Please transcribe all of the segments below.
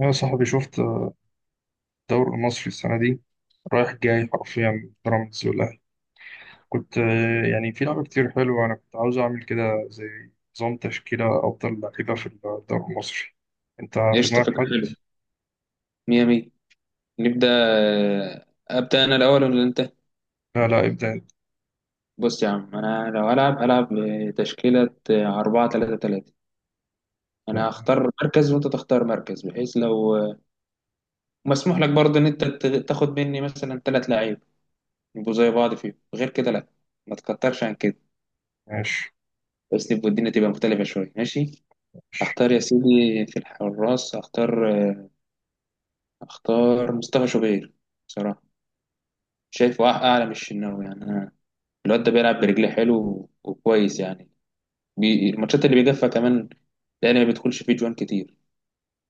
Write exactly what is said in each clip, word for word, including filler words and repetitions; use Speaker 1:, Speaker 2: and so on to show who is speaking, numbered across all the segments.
Speaker 1: يا صاحبي، شفت الدوري المصري السنة دي؟ رايح جاي حرفيا، بيراميدز والأهلي. كنت آه، يعني في لعبة كتير حلوة، أنا كنت عاوز أعمل كده، زي نظام تشكيلة أفضل لعيبة في الدوري المصري. أنت في
Speaker 2: قشطة،
Speaker 1: دماغك
Speaker 2: فكرة
Speaker 1: حد؟
Speaker 2: حلوة. مية مية. نبدأ. أبدأ أنا الأول ولا أنت؟
Speaker 1: لا، لا ابدأ
Speaker 2: بص يا عم، أنا لو هلعب هلعب بتشكيلة أربعة تلاتة تلاتة. أنا
Speaker 1: أنت.
Speaker 2: هختار مركز وأنت تختار مركز، بحيث لو مسموح لك برضه إن أنت ت- تاخد مني مثلا تلات لعيب يبقوا زي بعض، فيهم غير كده لأ، ما تكترش عن كده.
Speaker 1: ماشي.
Speaker 2: بس يبقى الدنيا تبقى مختلفة شوية، ماشي؟ هختار يا سيدي في الحراس، هختار، هختار مصطفى شوبير. بصراحة شايفه أع- أعلى من الشناوي يعني أنا. الواد ده بيلعب برجليه حلو وكويس يعني. بي... الماتشات اللي بيجفها كمان، لان ما بيدخلش فيه جوان كتير.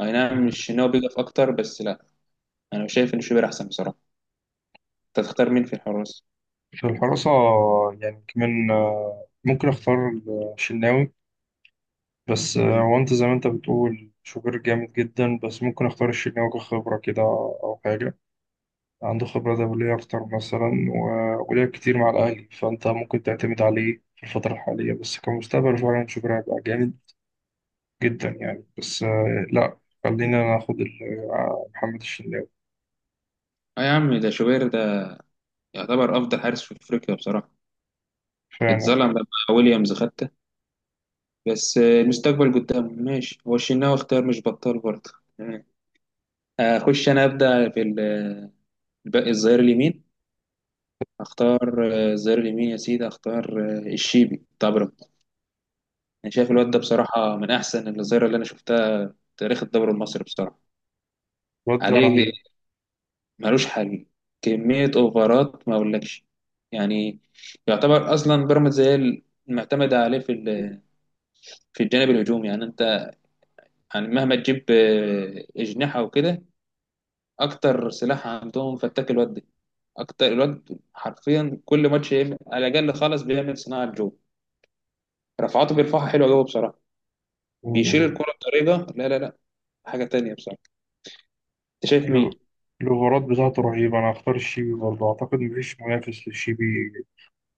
Speaker 2: اي نعم، مش ان هو بيجف اكتر، بس لا، انا شايف ان شوبير احسن بصراحه. انت تختار مين في الحراس؟
Speaker 1: في الحراسة، يعني كمان آه، ممكن أختار الشناوي، بس آه،
Speaker 2: مم.
Speaker 1: هو أنت زي ما أنت بتقول شوبير جامد جدا، بس ممكن أختار الشناوي كخبرة كده أو حاجة. عنده خبرة دولية أكتر مثلا، و- ولعب كتير مع الأهلي، فأنت ممكن تعتمد عليه في الفترة الحالية، بس كمستقبل فعلا شوبير هيبقى جامد جدا يعني. بس آه، لا، خلينا ناخد ال- آه، محمد الشناوي.
Speaker 2: اه يا عم، ده شوبير ده يعتبر افضل حارس في افريقيا بصراحه.
Speaker 1: فعلا،
Speaker 2: اتظلم لما ويليامز خدته. بس آه، المستقبل قدامه. ماشي، هو الشناوي اختيار مش بطال برضه. مم. اخش انا ابدا في ال- الباقي، الظهير اليمين. اختار آه، الظهير اليمين يا سيدي، اختار آه، الشيبي طبعا. انا شايف الواد ده بصراحه من احسن الظاهره اللي انا شفتها في تاريخ الدوري المصري بصراحه.
Speaker 1: الواد ده
Speaker 2: عليه
Speaker 1: رهيب.
Speaker 2: ملوش حل. كميه اوفرات ما اقولكش يعني. يعتبر اصلا بيراميدز هي المعتمده عليه في ال- في الجانب الهجومي يعني. انت يعني مهما تجيب آه، اجنحه وكده، اكتر سلاح عندهم فتاك الواد ده. اكتر الواد حرفيا كل ماتش يعمل- على الاقل خالص بيعمل صناعه جوه. رفعاته بيرفعها حلوه قوي بصراحه. بيشيل
Speaker 1: مم.
Speaker 2: الكره بطريقه لا لا لا، حاجه تانيه بصراحه. انت شايف مين؟
Speaker 1: له- الأوفرات بتاعته رهيبة، أنا هختار الشيبي برضه، أعتقد مفيش منافس للشيبي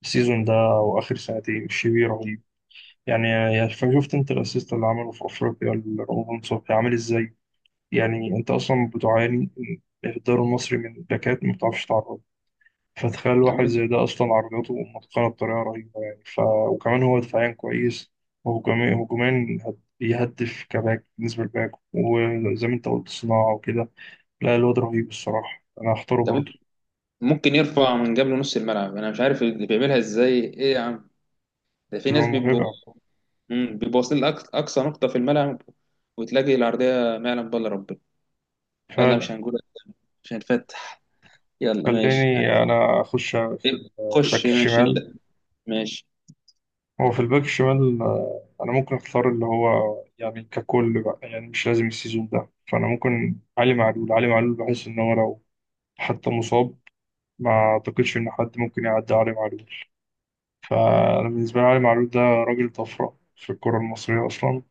Speaker 1: السيزون ده، أو آخر سنتين الشيبي رهيب. يعني يعني شفت أنت الأسيست اللي عمله في أفريقيا لرمضان صبحي عامل إزاي؟ يعني انت اصلا بتعاني من الدوري المصري، من باكات ما بتعرفش تعرض، فتخيل
Speaker 2: يا
Speaker 1: واحد
Speaker 2: عم
Speaker 1: زي ده اصلا عرضته متقنه بطريقه رهيبه يعني ف... وكمان هو دفاعيا كويس، وهجوميا، هجوميا هد- بيهدف كباك بالنسبه للباك، وزي ما انت قلت صناعه وكده. لا، الواد رهيب الصراحه، انا هختاره
Speaker 2: انت،
Speaker 1: برضه.
Speaker 2: ممكن يرفع من قبل نص الملعب، انا مش عارف اللي بيعملها ازاي. ايه يا عم، ده في
Speaker 1: تبقى
Speaker 2: ناس بيبقوا،
Speaker 1: مرعبه
Speaker 2: مم، بيبقوا واصلين لأقصى أقصى نقطة في الملعب. وتلاقي العرضية ما يعلم بالله ربنا. يلا
Speaker 1: فعلا.
Speaker 2: مش هنقول، مش هنفتح. يلا ماشي.
Speaker 1: خليني
Speaker 2: ها،
Speaker 1: انا اخش في الباك
Speaker 2: خش ماشي انت.
Speaker 1: الشمال.
Speaker 2: ماشي.
Speaker 1: هو في الباك الشمال انا ممكن اختار اللي هو، يعني ككل بقى، يعني مش لازم السيزون ده، فانا ممكن علي معلول. علي معلول بحس ان هو لو حتى مصاب، ما اعتقدش ان حد ممكن يعدي علي معلول. فانا بالنسبه لي علي معلول ده راجل طفره في الكره المصريه اصلا،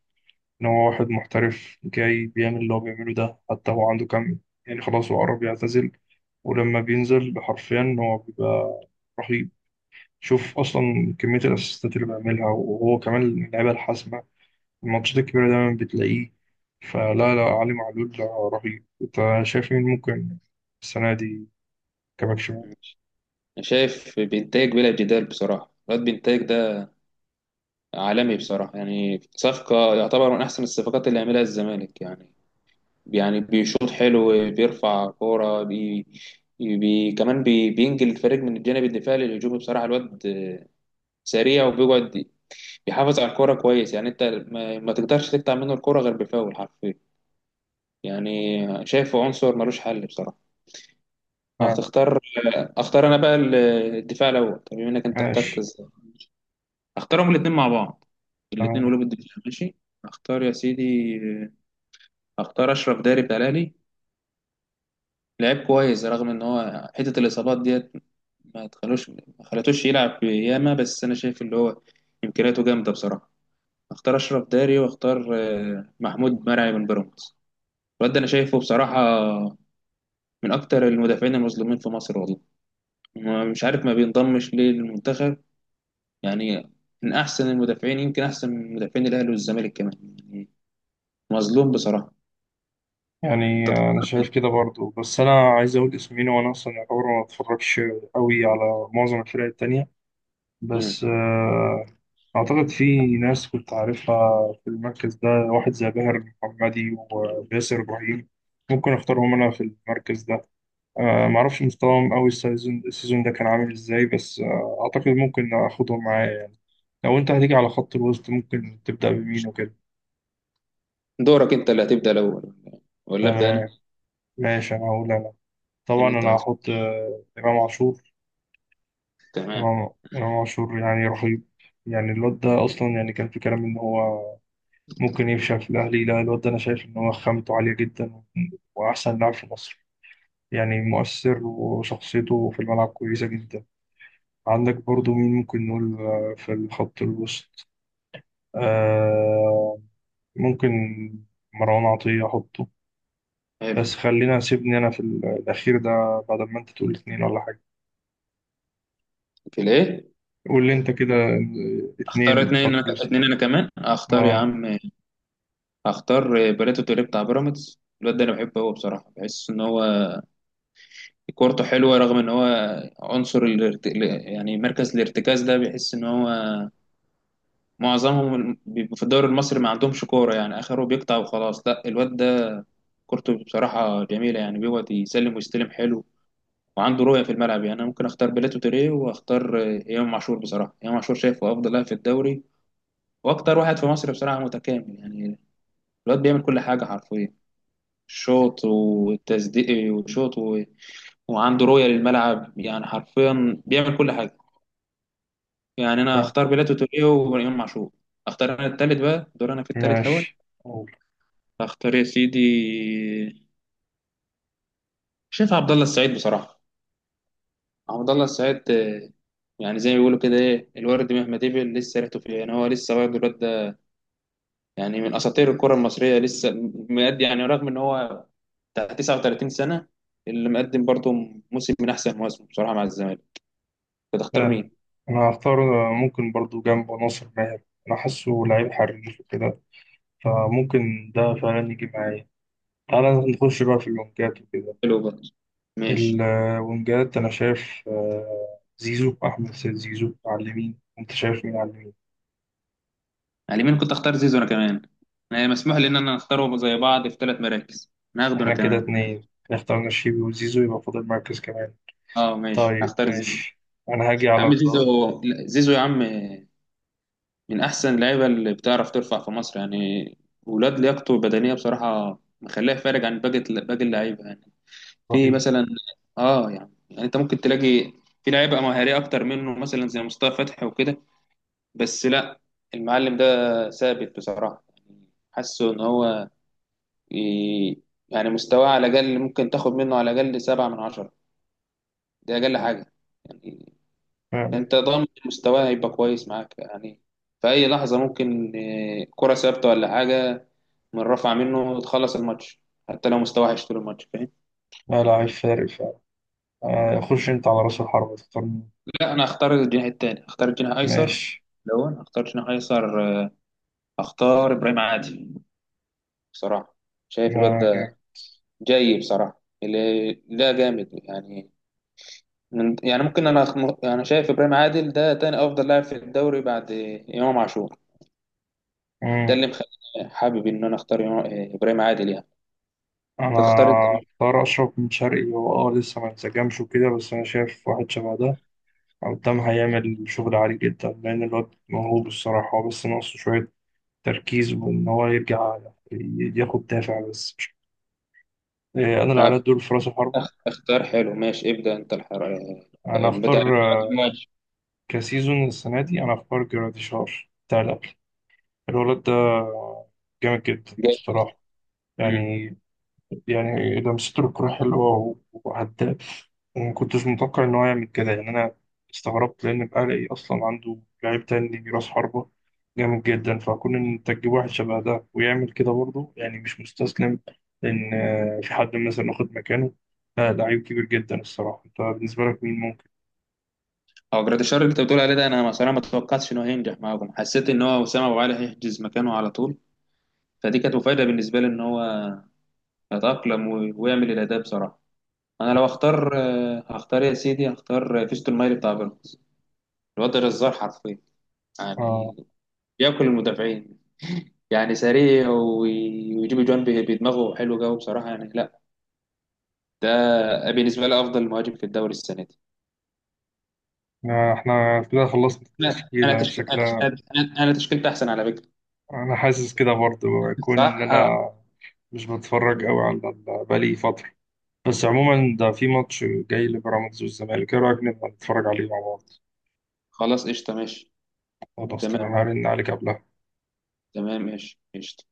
Speaker 1: ان هو واحد محترف جاي بيعمل اللي هو بيعمله ده. حتى هو عنده كام يعني، خلاص هو قرب يعتزل، ولما بينزل حرفيا هو بيبقى رهيب. شوف اصلا كميه الاسيستات اللي بيعملها، وهو كمان من اللعيبه الحاسمه، الماتشات الكبيرة دايما بتلاقيه. فلا، لا، علي معلول رهيب. انت شايف مين ممكن السنة دي كباك شمال؟
Speaker 2: ماشي، انا شايف بينتاج بلا جدال بصراحة. الواد بينتاج ده عالمي بصراحة. يعني صفقة يعتبر من أحسن الصفقات اللي عملها الزمالك يعني. يعني بيشوط حلو، بيرفع كورة، بي... بي... كمان بي... بينجل الفريق من الجانب الدفاعي للهجوم بصراحة. الواد سريع وبيقعد، بيحافظ على الكورة كويس. يعني انت ما, ما تقدرش تقطع منه الكورة غير بفاول حرفيا يعني. شايفه عنصر ملوش حل بصراحة.
Speaker 1: آه،
Speaker 2: هتختار؟ اختار انا بقى ال- الدفاع الاول. طب بما انك انت اخترت،
Speaker 1: ماشي.
Speaker 2: ازاي اختارهم الاثنين مع بعض؟
Speaker 1: آه،
Speaker 2: الاثنين قلوب الدفاع ماشي. اختار يا سيدي، اختار اشرف داري بتاع الاهلي. لعيب كويس رغم ان هو حته الاصابات ديت ما تخلوش ما خلتوش يلعب ياما، بس انا شايف اللي هو امكانياته جامده بصراحه. اختار اشرف داري واختار آه، محمود مرعي من بيراميدز. الواد ده انا شايفه بصراحه من اكتر المدافعين المظلومين في مصر والله. ما- مش عارف ما بينضمش ليه للمنتخب يعني. من احسن المدافعين، يمكن احسن من مدافعين الاهلي والزمالك كمان يعني. مظلوم بصراحه. انت
Speaker 1: يعني انا
Speaker 2: تخ-
Speaker 1: شايف كده برضو، بس انا عايز اقول اسمين، وانا اصلا يعتبر ما بتفرجش قوي على معظم الفرق التانية.
Speaker 2: مم.
Speaker 1: بس آه، اعتقد في ناس كنت عارفها في المركز ده، واحد زي باهر المحمدي وباسر ابراهيم، ممكن اختارهم انا في المركز ده. آه معرفش مستواهم أوي، السيزون السيزون ده كان عامل إزاي، بس آه أعتقد ممكن آخدهم معايا يعني. لو أنت هتيجي على خط الوسط، ممكن تبدأ بمين وكده؟
Speaker 2: دورك انت اللي هتبدا الاول ولا ابدا
Speaker 1: تمام،
Speaker 2: انا؟
Speaker 1: ماشي، أنا هقول أنا.
Speaker 2: إيه
Speaker 1: طبعا
Speaker 2: اللي انت
Speaker 1: أنا
Speaker 2: عايزه؟
Speaker 1: هحط آه إمام عاشور.
Speaker 2: تمام.
Speaker 1: إمام إمام عاشور يعني رهيب يعني. الواد ده أصلا يعني كان في كلام إن هو ممكن يفشل في الأهلي. لا، الواد ده أنا شايف إن هو خامته عالية جدا، وأحسن لاعب في مصر يعني، مؤثر، وشخصيته في الملعب كويسة جدا. عندك برضو مين ممكن نقول آه، في الخط الوسط؟ آه ممكن مروان عطية أحطه، بس خلينا سيبني أنا في ال- الأخير ده بعد ما أنت تقول اتنين ولا حاجة.
Speaker 2: في الايه؟
Speaker 1: قول لي أنت كده
Speaker 2: اختار
Speaker 1: اتنين مش
Speaker 2: اتنين، انا
Speaker 1: هتلوست.
Speaker 2: اتنين، انا كمان اختار يا
Speaker 1: آه
Speaker 2: عم. اختار بريتو توريه بتاع بيراميدز. الواد ده انا بحبه هو بصراحه، بحس ان هو كورته حلوه رغم ان هو عنصر الارت... يعني مركز الارتكاز ده. بيحس ان هو معظمهم بيبقوا في الدوري المصري ما عندهمش كوره، يعني اخره بيقطع وخلاص. لا الواد ده كورته بصراحه جميله. يعني بيقعد يسلم ويستلم حلو، وعنده رؤيه في الملعب يعني. انا ممكن اختار بيلاتو توريه واختار امام عاشور. بصراحه امام عاشور شايفه افضل لاعب في الدوري واكتر واحد في مصر بصراحه متكامل يعني. الواد بيعمل كل حاجة حرفيا، شوط وتسديد وشوط و... وعنده رؤية للملعب. يعني حرفيا بيعمل كل حاجة. يعني أنا
Speaker 1: آه،
Speaker 2: أختار بيلاتو توريه وإمام عاشور. أختار أنا التالت بقى، دور أنا في التالت الأول.
Speaker 1: ماشي، أقول.
Speaker 2: أختار يا سيدي، شايف عبد الله السعيد بصراحة. عبد الله السعيد آه، يعني زي ما بيقولوا كده، إيه الورد مهما دبل لسه ريحته فيه. يعني هو لسه برضه الواد ده يعني من أساطير الكرة المصرية، لسه مقدم يعني، رغم إن هو بتاع تسعة وثلاثين سنة، اللي مقدم برضه موسم من أحسن مواسمه بصراحة مع الزمالك. كنت اختار
Speaker 1: فعلا،
Speaker 2: مين؟
Speaker 1: أنا هختار ممكن برضو جنبه ناصر ماهر، أنا حاسه لعيب حريف وكده، فممكن ده فعلا يجي معايا. تعالى نخش بقى في الونجات وكده.
Speaker 2: حلو برضه، ماشي.
Speaker 1: الونجات أنا شايف آه، زيزو، أحمد سيد زيزو على اليمين. أنت شايف مين على اليمين؟
Speaker 2: على اليمين كنت اختار زيزو انا كمان. انا مسموح لي ان انا اختاره زي بعض في ثلاث مراكز. انا هاخده انا
Speaker 1: احنا كده
Speaker 2: كمان.
Speaker 1: اتنين اخترنا شيبي وزيزو، يبقى فاضل مركز كمان.
Speaker 2: اه ماشي،
Speaker 1: طيب
Speaker 2: هختار زيزو.
Speaker 1: ماشي. انا هاجي
Speaker 2: يا
Speaker 1: على
Speaker 2: عم
Speaker 1: ال-
Speaker 2: زيزو، لا، زيزو يا عم، من احسن اللعيبه اللي بتعرف ترفع في مصر يعني. ولاد لياقته البدنيه بصراحه مخليه فارق عن باقي باقي اللعيبه يعني. في
Speaker 1: الرهيب.
Speaker 2: مثلا، اه يعني يعني انت ممكن تلاقي في لعيبه مهاريه اكتر منه مثلا زي مصطفى فتحي وكده، بس لا، المعلم ده ثابت بصراحه. يعني حاسه ان هو ي- يعني مستواه على الأقل ممكن تاخد منه على الأقل سبعة من عشرة. دي أقل حاجة يعني.
Speaker 1: آه،
Speaker 2: أنت ضامن مستواه هيبقى كويس معاك يعني. في أي لحظة ممكن آه، كرة ثابتة ولا حاجة من رفع منه تخلص الماتش، حتى لو مستواه وحش طول الماتش فاهم.
Speaker 1: لا، لاعب فارق فعلا. آه، خش انت على راس الحربة، تختار مين؟
Speaker 2: لا أنا هختار الجناح التاني، هختار الجناح أيسر.
Speaker 1: ماشي.
Speaker 2: لو أنا هختار جناح أيسر، آه، هختار إبراهيم عادل بصراحة. شايف الواد
Speaker 1: لا،
Speaker 2: ده
Speaker 1: جامد.
Speaker 2: جاي بصراحة، اللي لا جامد يعني. من يعني ممكن انا أخم- انا شايف ابراهيم عادل ده تاني افضل لاعب في الدوري بعد امام عاشور. ده
Speaker 1: مم.
Speaker 2: اللي مخليني حابب ان انا اختار إمام- ابراهيم عادل يعني.
Speaker 1: انا
Speaker 2: تختار انت؟
Speaker 1: اختار اشرف بن شرقي، هو اه لسه ما انسجمش وكده، بس انا شايف واحد شبه ده قدام هيعمل شغل عالي جدا، لان الواد موهوب الصراحة. هو بس ناقصه شوية تركيز، وان هو يرجع ي- ياخد دافع بس. إيه، انا اللي على
Speaker 2: أخ-
Speaker 1: الدور في راس الحربة.
Speaker 2: أخ- اختار حلو، ماشي، ابدا انت الحر. آه،
Speaker 1: انا اختار
Speaker 2: البتاع اللي- ماشي.
Speaker 1: كسيزون السنة دي أنا في بارك جراديشار بتاع الأكل، الولد ده جامد جدا
Speaker 2: جاي.
Speaker 1: الصراحة
Speaker 2: مم.
Speaker 1: يعني. يعني لمسته الكورة حلوة، وهداف، وما كنتش متوقع إن هو يعمل كده يعني. أنا استغربت لأن الأهلي أصلا عنده لعيب تاني رأس حربة جامد جدا، فكون إن أنت تجيب واحد شبه ده ويعمل كده برضه، يعني مش مستسلم إن آه، في حد مثلا واخد مكانه. لا، لعيب كبير جدا الصراحة. أنت بالنسبة لك مين ممكن؟
Speaker 2: هو جراديشار اللي انت بتقول عليه ده، انا مثلا ما توقعتش انه هينجح معاهم. حسيت ان هو وسام ابو علي هيحجز مكانه على طول. فدي كانت مفاجاه بالنسبه لي ان هو يتاقلم و- ويعمل الاداء بصراحه. انا لو اختار، آه، هختار يا سيدي، هختار فيستون مايلي بتاع بيراميدز. الواد ده جزار حرفيا
Speaker 1: آه،
Speaker 2: يعني، بياكل المدافعين. يعني سريع وي- ويجيب جوان ب- بدماغه حلو قوي بصراحه يعني. لا ده بالنسبه لي افضل مهاجم في الدوري السنه دي.
Speaker 1: آه، احنا كده خلصنا
Speaker 2: لا انا
Speaker 1: التشكيلة
Speaker 2: تشكيل انا تشك-
Speaker 1: شكلها.
Speaker 2: انا أنا تشكيلتي احسن على فكره.
Speaker 1: انا حاسس كده برضه، يكون ان
Speaker 2: صح آه.
Speaker 1: انا مش بتفرج قوي على ال- بقالي فترة، بس عموما ده في ماتش جاي لبيراميدز والزمالك، ايه رأيك نبقى نتفرج عليه مع بعض؟
Speaker 2: خلاص قشطه ماشي.
Speaker 1: خلاص، تمام،
Speaker 2: تمام.
Speaker 1: هرن عليك قبلها.
Speaker 2: تمام ماشي قشطه.